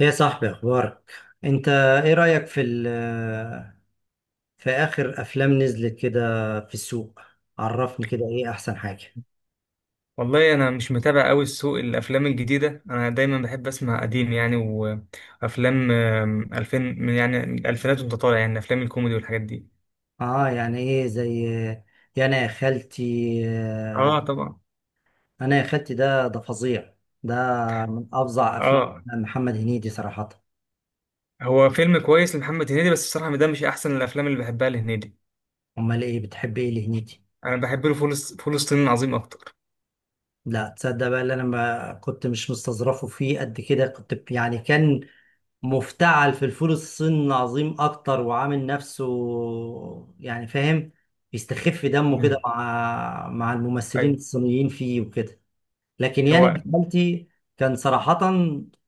يا صاحبي اخبارك؟ انت، ايه رأيك في اخر افلام نزلت كده في السوق؟ عرفني كده ايه احسن حاجة؟ والله، انا مش متابع قوي السوق الافلام الجديده. انا دايما بحب اسمع قديم، يعني وافلام 2000 يعني الالفينات وانت طالع، يعني افلام الكوميدي والحاجات دي. اه يعني ايه؟ زي يا انا يا خالتي. آه، اه، طبعا. انا يا خالتي ده فظيع. ده من افظع افلام اه. محمد هنيدي صراحة. هو فيلم كويس لمحمد هنيدي، بس الصراحه ده مش احسن الافلام اللي بحبها لهنيدي. امال ايه بتحب ايه لهنيدي؟ انا بحب له فول الصين العظيم اكتر. لا تصدق بقى، اللي انا ما كنت مش مستظرفه فيه قد كده. كنت يعني كان مفتعل في الفول الصيني العظيم اكتر، وعامل نفسه يعني فاهم، بيستخف دمه كده مم. مع الممثلين ايوه. الصينيين فيه وكده. لكن يعني هو. ابن خالتي كان صراحة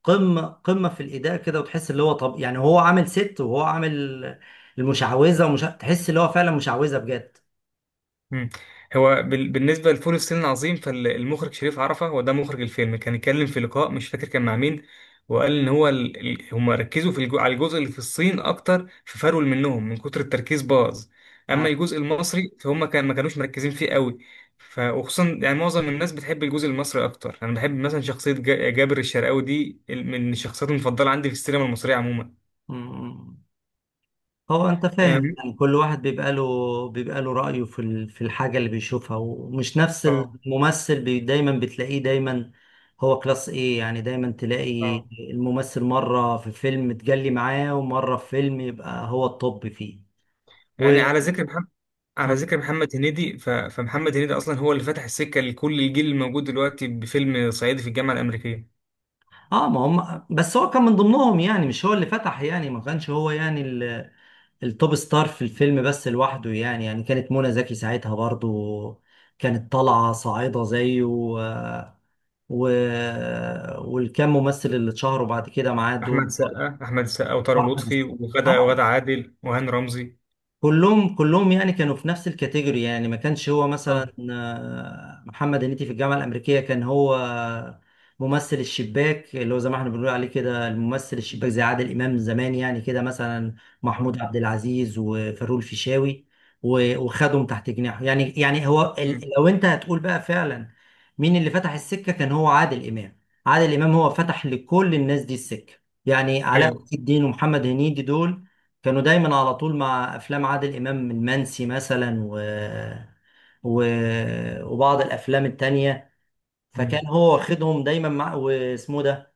قمة قمة في الأداء كده. وتحس اللي هو طب، يعني هو عامل ست وهو عامل المشعوذة، ومش تحس اللي هو فعلا مشعوذة بجد. مم. هو بالنسبة لفول الصين العظيم، فالمخرج شريف عرفة هو ده مخرج الفيلم، كان اتكلم في لقاء مش فاكر كان مع مين، وقال ان هو هم ركزوا على الجزء اللي في الصين اكتر، ففرول منهم من كتر التركيز باظ. اما آه. الجزء المصري فهم ما كانوش مركزين فيه قوي. وخصوصا يعني معظم الناس بتحب الجزء المصري اكتر. انا بحب مثلا شخصية جابر الشرقاوي دي، من الشخصيات المفضلة عندي في السينما المصرية عموما. م- م. هو انت فاهم أم... يعني كل واحد بيبقى له رأيه في الحاجة اللي بيشوفها. ومش نفس اه، الممثل بي دايما بتلاقيه دايما. هو كلاس ايه، يعني دايما تلاقي اه. الممثل مرة في فيلم تجلي معاه، ومرة في فيلم يبقى هو الطب فيه و... يعني على ذكر محمد هنيدي، فمحمد هنيدي اصلا هو اللي فتح السكه لكل الجيل الموجود دلوقتي بفيلم صعيدي في الجامعه الامريكيه. اه، ما هم بس هو كان من ضمنهم يعني، مش هو اللي فتح يعني، ما كانش هو يعني التوب ستار في الفيلم بس لوحده، يعني كانت منى زكي ساعتها برضو كانت طالعة صاعدة زيه و... والكام ممثل اللي اتشهروا بعد كده معاه دول برضه. احمد سقا وطارق واحمد لطفي الس- اه وغدا عادل وهاني رمزي. كلهم يعني كانوا في نفس الكاتيجوري، يعني ما كانش هو اه، مثلا محمد هنيدي في الجامعة الأمريكية كان هو ممثل الشباك، اللي هو زي ما احنا بنقول عليه كده الممثل الشباك زي عادل إمام زمان، يعني كده مثلا آه. محمود عبد العزيز وفاروق الفيشاوي وخدهم تحت جناحه، يعني هو مم. لو أنت هتقول بقى فعلا مين اللي فتح السكة، كان هو عادل إمام. عادل إمام هو فتح لكل الناس دي السكة، يعني علاء ايوه. ولي الدين ومحمد هنيدي دول كانوا دايما على طول مع افلام عادل امام، المنسي مثلا و... وبعض الافلام التانية. مم. فكان هو واخدهم دايما مع واسمه ده.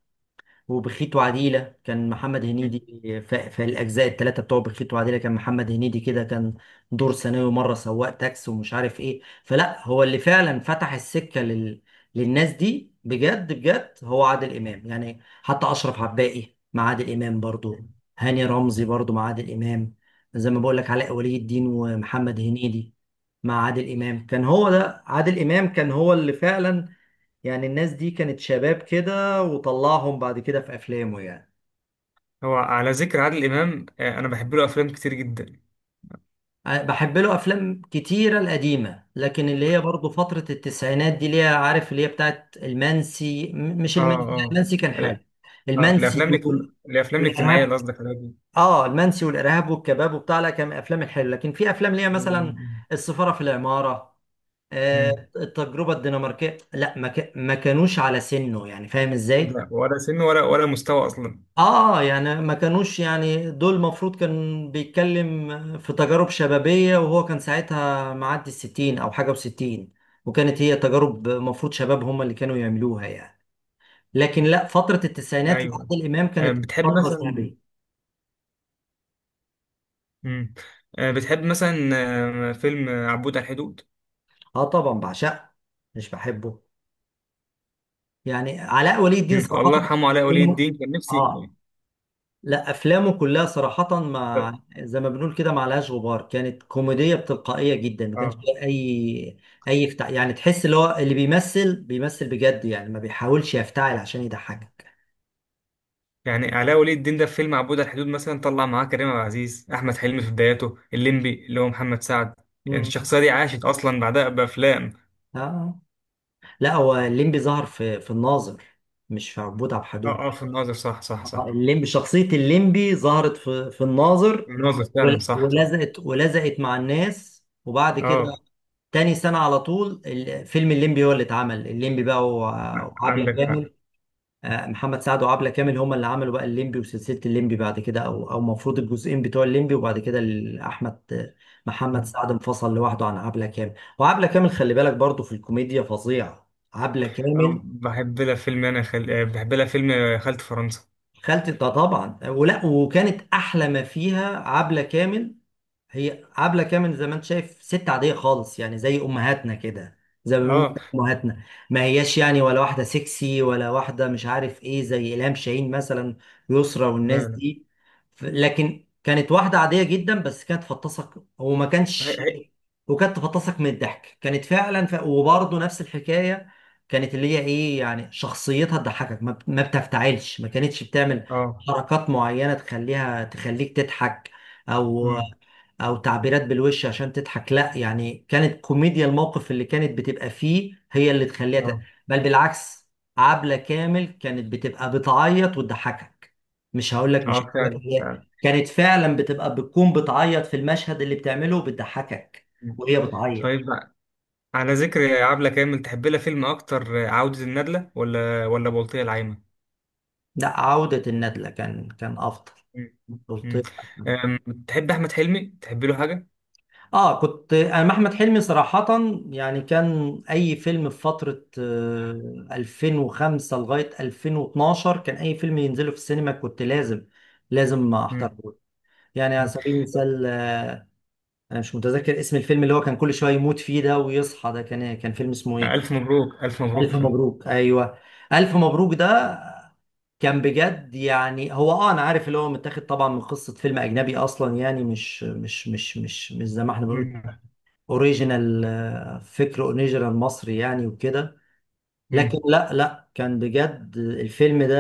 وبخيت وعديلة كان محمد مم. هنيدي، في الأجزاء الثلاثة بتوع بخيت وعديلة كان محمد هنيدي كده كان دور ثانوي، مرة سواق تاكس ومش عارف إيه. فلا هو اللي فعلا فتح السكة للناس دي بجد بجد، هو عادل إمام. يعني حتى أشرف عباقي مع عادل إمام برضو، هاني رمزي برضو مع عادل إمام، زي ما بقول لك علاء ولي الدين ومحمد هنيدي مع عادل إمام. كان هو ده عادل إمام كان هو اللي فعلا يعني الناس دي كانت شباب كده، وطلعهم بعد كده في افلامه يعني. هو على ذكر عادل امام، انا بحب له افلام كتير جدا. بحب له افلام كتيره القديمه، لكن اللي هي برضه فتره التسعينات دي، اللي هي عارف اللي هي بتاعت المنسي، مش المنسي، لا، اه، المنسي كان اه، لا، حال. اه. المنسي الافلام الاجتماعيه والارهاب، اللي قصدك عليها دي. اه المنسي والارهاب والكباب وبتاع، لا كان من الافلام الحلوه. لكن في افلام اللي هي مثلا مم. السفاره في العماره، آه مم. التجربه الدنماركيه، لا، ما كانوش على سنه يعني فاهم ازاي. لا، ولا سن، ولا مستوى اصلا. اه يعني ما كانوش يعني، دول المفروض كان بيتكلم في تجارب شبابية، وهو كان ساعتها معدي الستين او حاجة وستين، وكانت هي تجارب مفروض شباب هم اللي كانوا يعملوها يعني. لكن لا، فترة التسعينات ايوه. لعادل امام كانت بتحب فترة مثلا؟ ذهبية. مم. آه، بتحب مثلا فيلم عبود على الحدود؟ اه طبعا بعشقه، مش بحبه يعني علاء ولي الدين مم. صراحة. والله يرحمه علاء ولي الدين، كان اه نفسي. لا، افلامه كلها صراحه اه، مع مم. زي ما بنقول كده ما لهاش غبار، كانت كوميديه بتلقائيه جدا، ما كانش آه. فيها يعني تحس اللي هو اللي بيمثل بجد يعني ما بيحاولش يفتعل عشان يضحكك. يعني علاء ولي الدين ده في فيلم عبود على الحدود مثلا طلع معاه كريم عبد العزيز، احمد حلمي في بداياته، الليمبي اللي هو محمد سعد. يعني مم. الشخصيه دي عاشت اصلا بعدها بافلام. آه. لا هو الليمبي ظهر في الناظر، مش في عبود عبد الحليم. اه، اه، في الناظر، صح صح صح. الليمبي، شخصيه الليمبي ظهرت في الناظر، الناظر فعلا، ول- صح صح. ولزقت ولزقت مع الناس. وبعد كده اه، تاني سنة على طول فيلم الليمبي هو اللي اتعمل الليمبي بقى وعبلة عندك حق. كامل. محمد سعد وعبلة كامل هما اللي عملوا بقى الليمبي وسلسلة الليمبي بعد كده، او المفروض الجزئين بتوع الليمبي. وبعد كده ال- احمد محمد مم. سعد انفصل لوحده عن عبلة كامل، وعبلة كامل خلي بالك برضو في الكوميديا، فظيعة عبلة كامل. بحب لها فيلم خالة فرنسا. خالتي ده طبعا، ولا وكانت احلى ما فيها عبلة كامل. هي عبلة كامل زي ما انت شايف ست عادية خالص، يعني زي امهاتنا كده زي ما بيقولوا اه، امهاتنا، ما هياش يعني ولا واحدة سكسي ولا واحدة مش عارف ايه زي إلهام شاهين مثلا، يسرا والناس لا، لا. دي. لكن كانت واحدة عادية جدا بس كانت فطسك، وما هي- كانش هي- وكانت تفطسك من الضحك، كانت فعلا وبرضه نفس الحكاية. كانت اللي هي ايه يعني شخصيتها تضحكك، ما بتفتعلش، ما كانتش بتعمل اه. حركات معينة تخليها تخليك تضحك، او مم. او تعبيرات بالوش عشان تضحك. لا يعني كانت كوميديا الموقف اللي كانت بتبقى فيه هي اللي تخليها اه، بل بالعكس، عبلة كامل كانت بتبقى بتعيط وتضحكك. مش هقول لك مش اه، هقول لك فعلا هي فعلا. كانت فعلا بتبقى بتعيط في المشهد اللي بتعمله بتضحكك مم. وهي بتعيط. طيب بقى، على ذكر عبلة كامل، تحب لها فيلم اكتر؟ عودة الندلة ولا بلطية العايمة؟ لا عودة الندلة كان افضل. مم. قلت مم. لك. أم، تحب احمد حلمي؟ تحب له حاجة؟ اه كنت انا مع احمد حلمي صراحة، يعني كان اي فيلم في فترة 2005 لغاية 2012 كان اي فيلم ينزله في السينما كنت لازم لازم مم. احضره. يعني على مم. سبيل المثال انا مش متذكر اسم الفيلم، اللي هو كان كل شوية يموت فيه ده ويصحى ده، كان إيه؟ كان فيلم اسمه ايه؟ الف مبروك، الف مبروك ألف فعلا. مبروك! ايوه، ألف مبروك ده كان بجد يعني. هو اه انا عارف اللي هو متاخد طبعا من قصة فيلم اجنبي اصلا يعني، مش زي ما احنا بنقول مم. اوريجينال، فكر اوريجينال مصري يعني وكده. لكن مم. لا، لا، كان بجد الفيلم ده.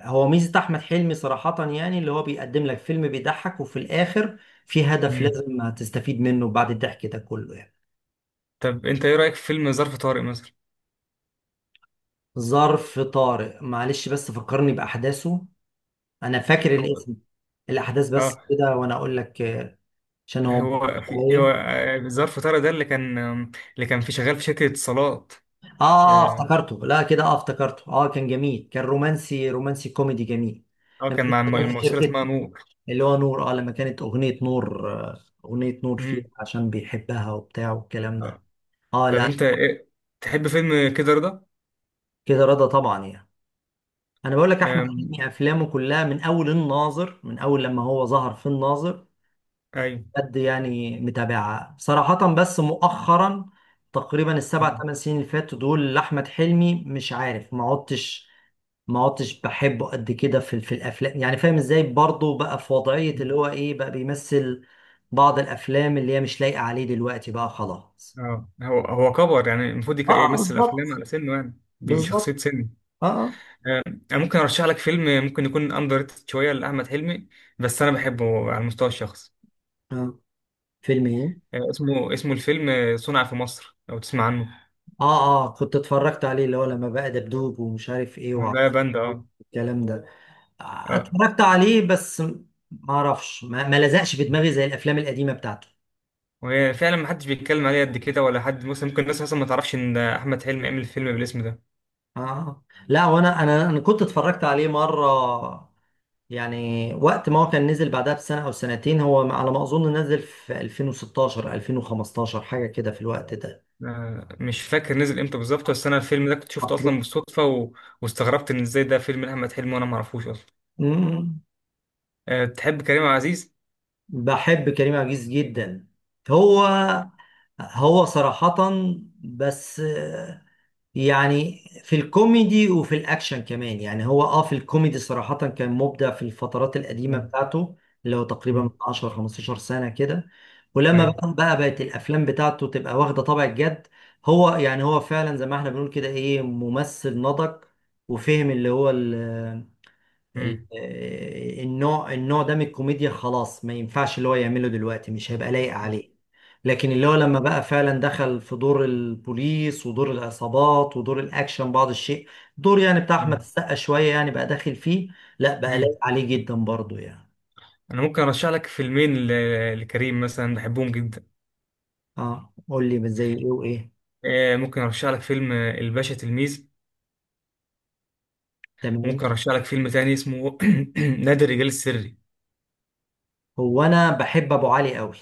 هو ميزة احمد حلمي صراحة، يعني اللي هو بيقدم لك فيلم بيضحك، وفي الاخر في هدف مم. لازم تستفيد منه بعد الضحك ده كله يعني. طب انت ايه رأيك في فيلم ظرف طارق مثلا؟ ظرف طارق، معلش بس فكرني باحداثه. انا فاكر هو. الاسم، الاحداث بس اه. كده وانا اقول لك. عشان هو هو مفكر في هو عليا. ظرف طارق ده اللي كان، اللي كان شغال في شركة اتصالات. اه، اه، افتكرته، لا كده، اه، افتكرته. اه كان جميل، كان رومانسي، رومانسي كوميدي جميل. لما كان كنت مع شغال في الممثلة اسمها شركة، نور. اللي هو نور، اه لما كانت اغنية نور اغنية نور فيها مم. عشان بيحبها وبتاع والكلام ده. اه، طب لا. انت ايه. تحب فيلم كده رضا؟ كده رضا طبعا يعني. انا بقول لك احمد أم... حلمي افلامه كلها من اول الناظر، من اول لما هو ظهر في الناظر، ايوه. قد يعني متابعة صراحة. بس مؤخرا تقريبا السبع مم. ثمان سنين اللي فاتوا دول لاحمد حلمي مش عارف ما عدتش بحبه قد كده في الافلام، يعني فاهم ازاي، برضه بقى في وضعية اللي هو ايه، بقى بيمثل بعض الافلام اللي هي مش لايقة عليه دلوقتي بقى خلاص. اه، هو كبر، يعني المفروض اه، يمثل افلام بالظبط، على سنه، يعني بالظبط. بشخصيه سن. اه، اه. انا ممكن ارشح لك فيلم ممكن يكون اندر ريتد شويه لاحمد حلمي، بس انا بحبه على المستوى الشخصي. آه. فيلم ايه؟ اسمه، الفيلم صنع في مصر، لو تسمع عنه. اه اه، كنت اتفرجت عليه، اللي هو لما بقى دبدوب ومش عارف ايه هم، ده وعقرب بند. اه، الكلام ده. اه. اتفرجت عليه بس ما اعرفش، ما لزقش في دماغي زي الافلام القديمة بتاعته. وهي فعلا ما حدش بيتكلم عليه قد كده، ولا حد مثلا. ممكن الناس اصلا ما تعرفش ان احمد حلمي عمل فيلم بالاسم ده. اه، لا، وانا انا انا كنت اتفرجت عليه مرة، يعني وقت ما هو كان نزل بعدها بسنة أو سنتين، هو على ما أظن نزل في 2016 2015 حاجة كده في الوقت ده. مش فاكر نزل امتى بالظبط، بس انا الفيلم ده كنت شفته اصلا بالصدفه واستغربت ان ازاي ده فيلم لاحمد حلمي وانا ما اعرفوش اصلا. مم. أه، تحب كريم عبد العزيز؟ بحب كريم عبد العزيز جدا. هو هو صراحة بس، يعني في الكوميدي وفي الاكشن كمان، يعني هو اه في الكوميدي صراحة كان مبدع في الفترات القديمة مم، بتاعته، اللي هو تقريبا من مم، 10 15 سنة كده. ولما ايوه. بقى بقت الافلام بتاعته تبقى واخدة طابع الجد. هو يعني هو فعلا زي ما احنا بنقول كده ايه، ممثل نضج وفهم اللي هو مم، النوع ده من الكوميديا خلاص ما ينفعش اللي هو يعمله دلوقتي مش هيبقى لايق عليه. لكن اللي هو لما بقى فعلا دخل في دور البوليس ودور العصابات ودور الاكشن بعض الشيء، دور يعني بتاع احمد مم، السقا شوية يعني بقى داخل فيه، لا بقى مم. لايق عليه جدا برضو يعني. انا ممكن ارشح لك فيلمين لكريم مثلا، بحبهم جدا. اه قول لي زي ايه وايه؟ أه، ممكن ارشح لك فيلم الباشا تلميذ. تمام. وممكن ارشح لك فيلم تاني اسمه نادي الرجال السري. هو انا بحب ابو علي قوي،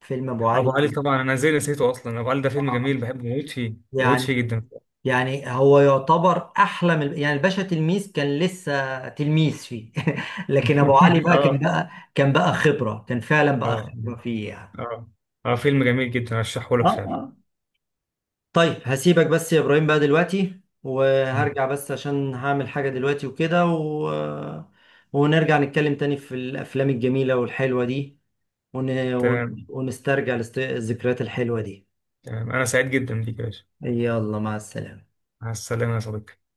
فيلم ابو ابو علي. علي؟ طبعا. انا ازاي نسيته اصلا؟ ابو علي ده فيلم جميل، آه. بحبه، بموت فيه، بموت فيه يعني جدا. يعني هو يعتبر احلى من، يعني الباشا تلميذ كان لسه تلميذ فيه. لكن ابو علي بقى كان اه، بقى كان بقى خبره، كان فعلا بقى اه، خبره فيه يعني. اه، اه، فيلم جميل جدا ارشحه اه، لك فعلا. اه. طيب هسيبك بس يا ابراهيم بقى دلوقتي، مم. وهرجع بس عشان هعمل حاجه دلوقتي وكده ونرجع نتكلم تاني في الافلام الجميله والحلوه دي تمام. ونسترجع الذكريات الحلوه دي. تمام، انا سعيد جدا بيك يا باشا. يلا مع السلامه. مع السلامة يا صديقي.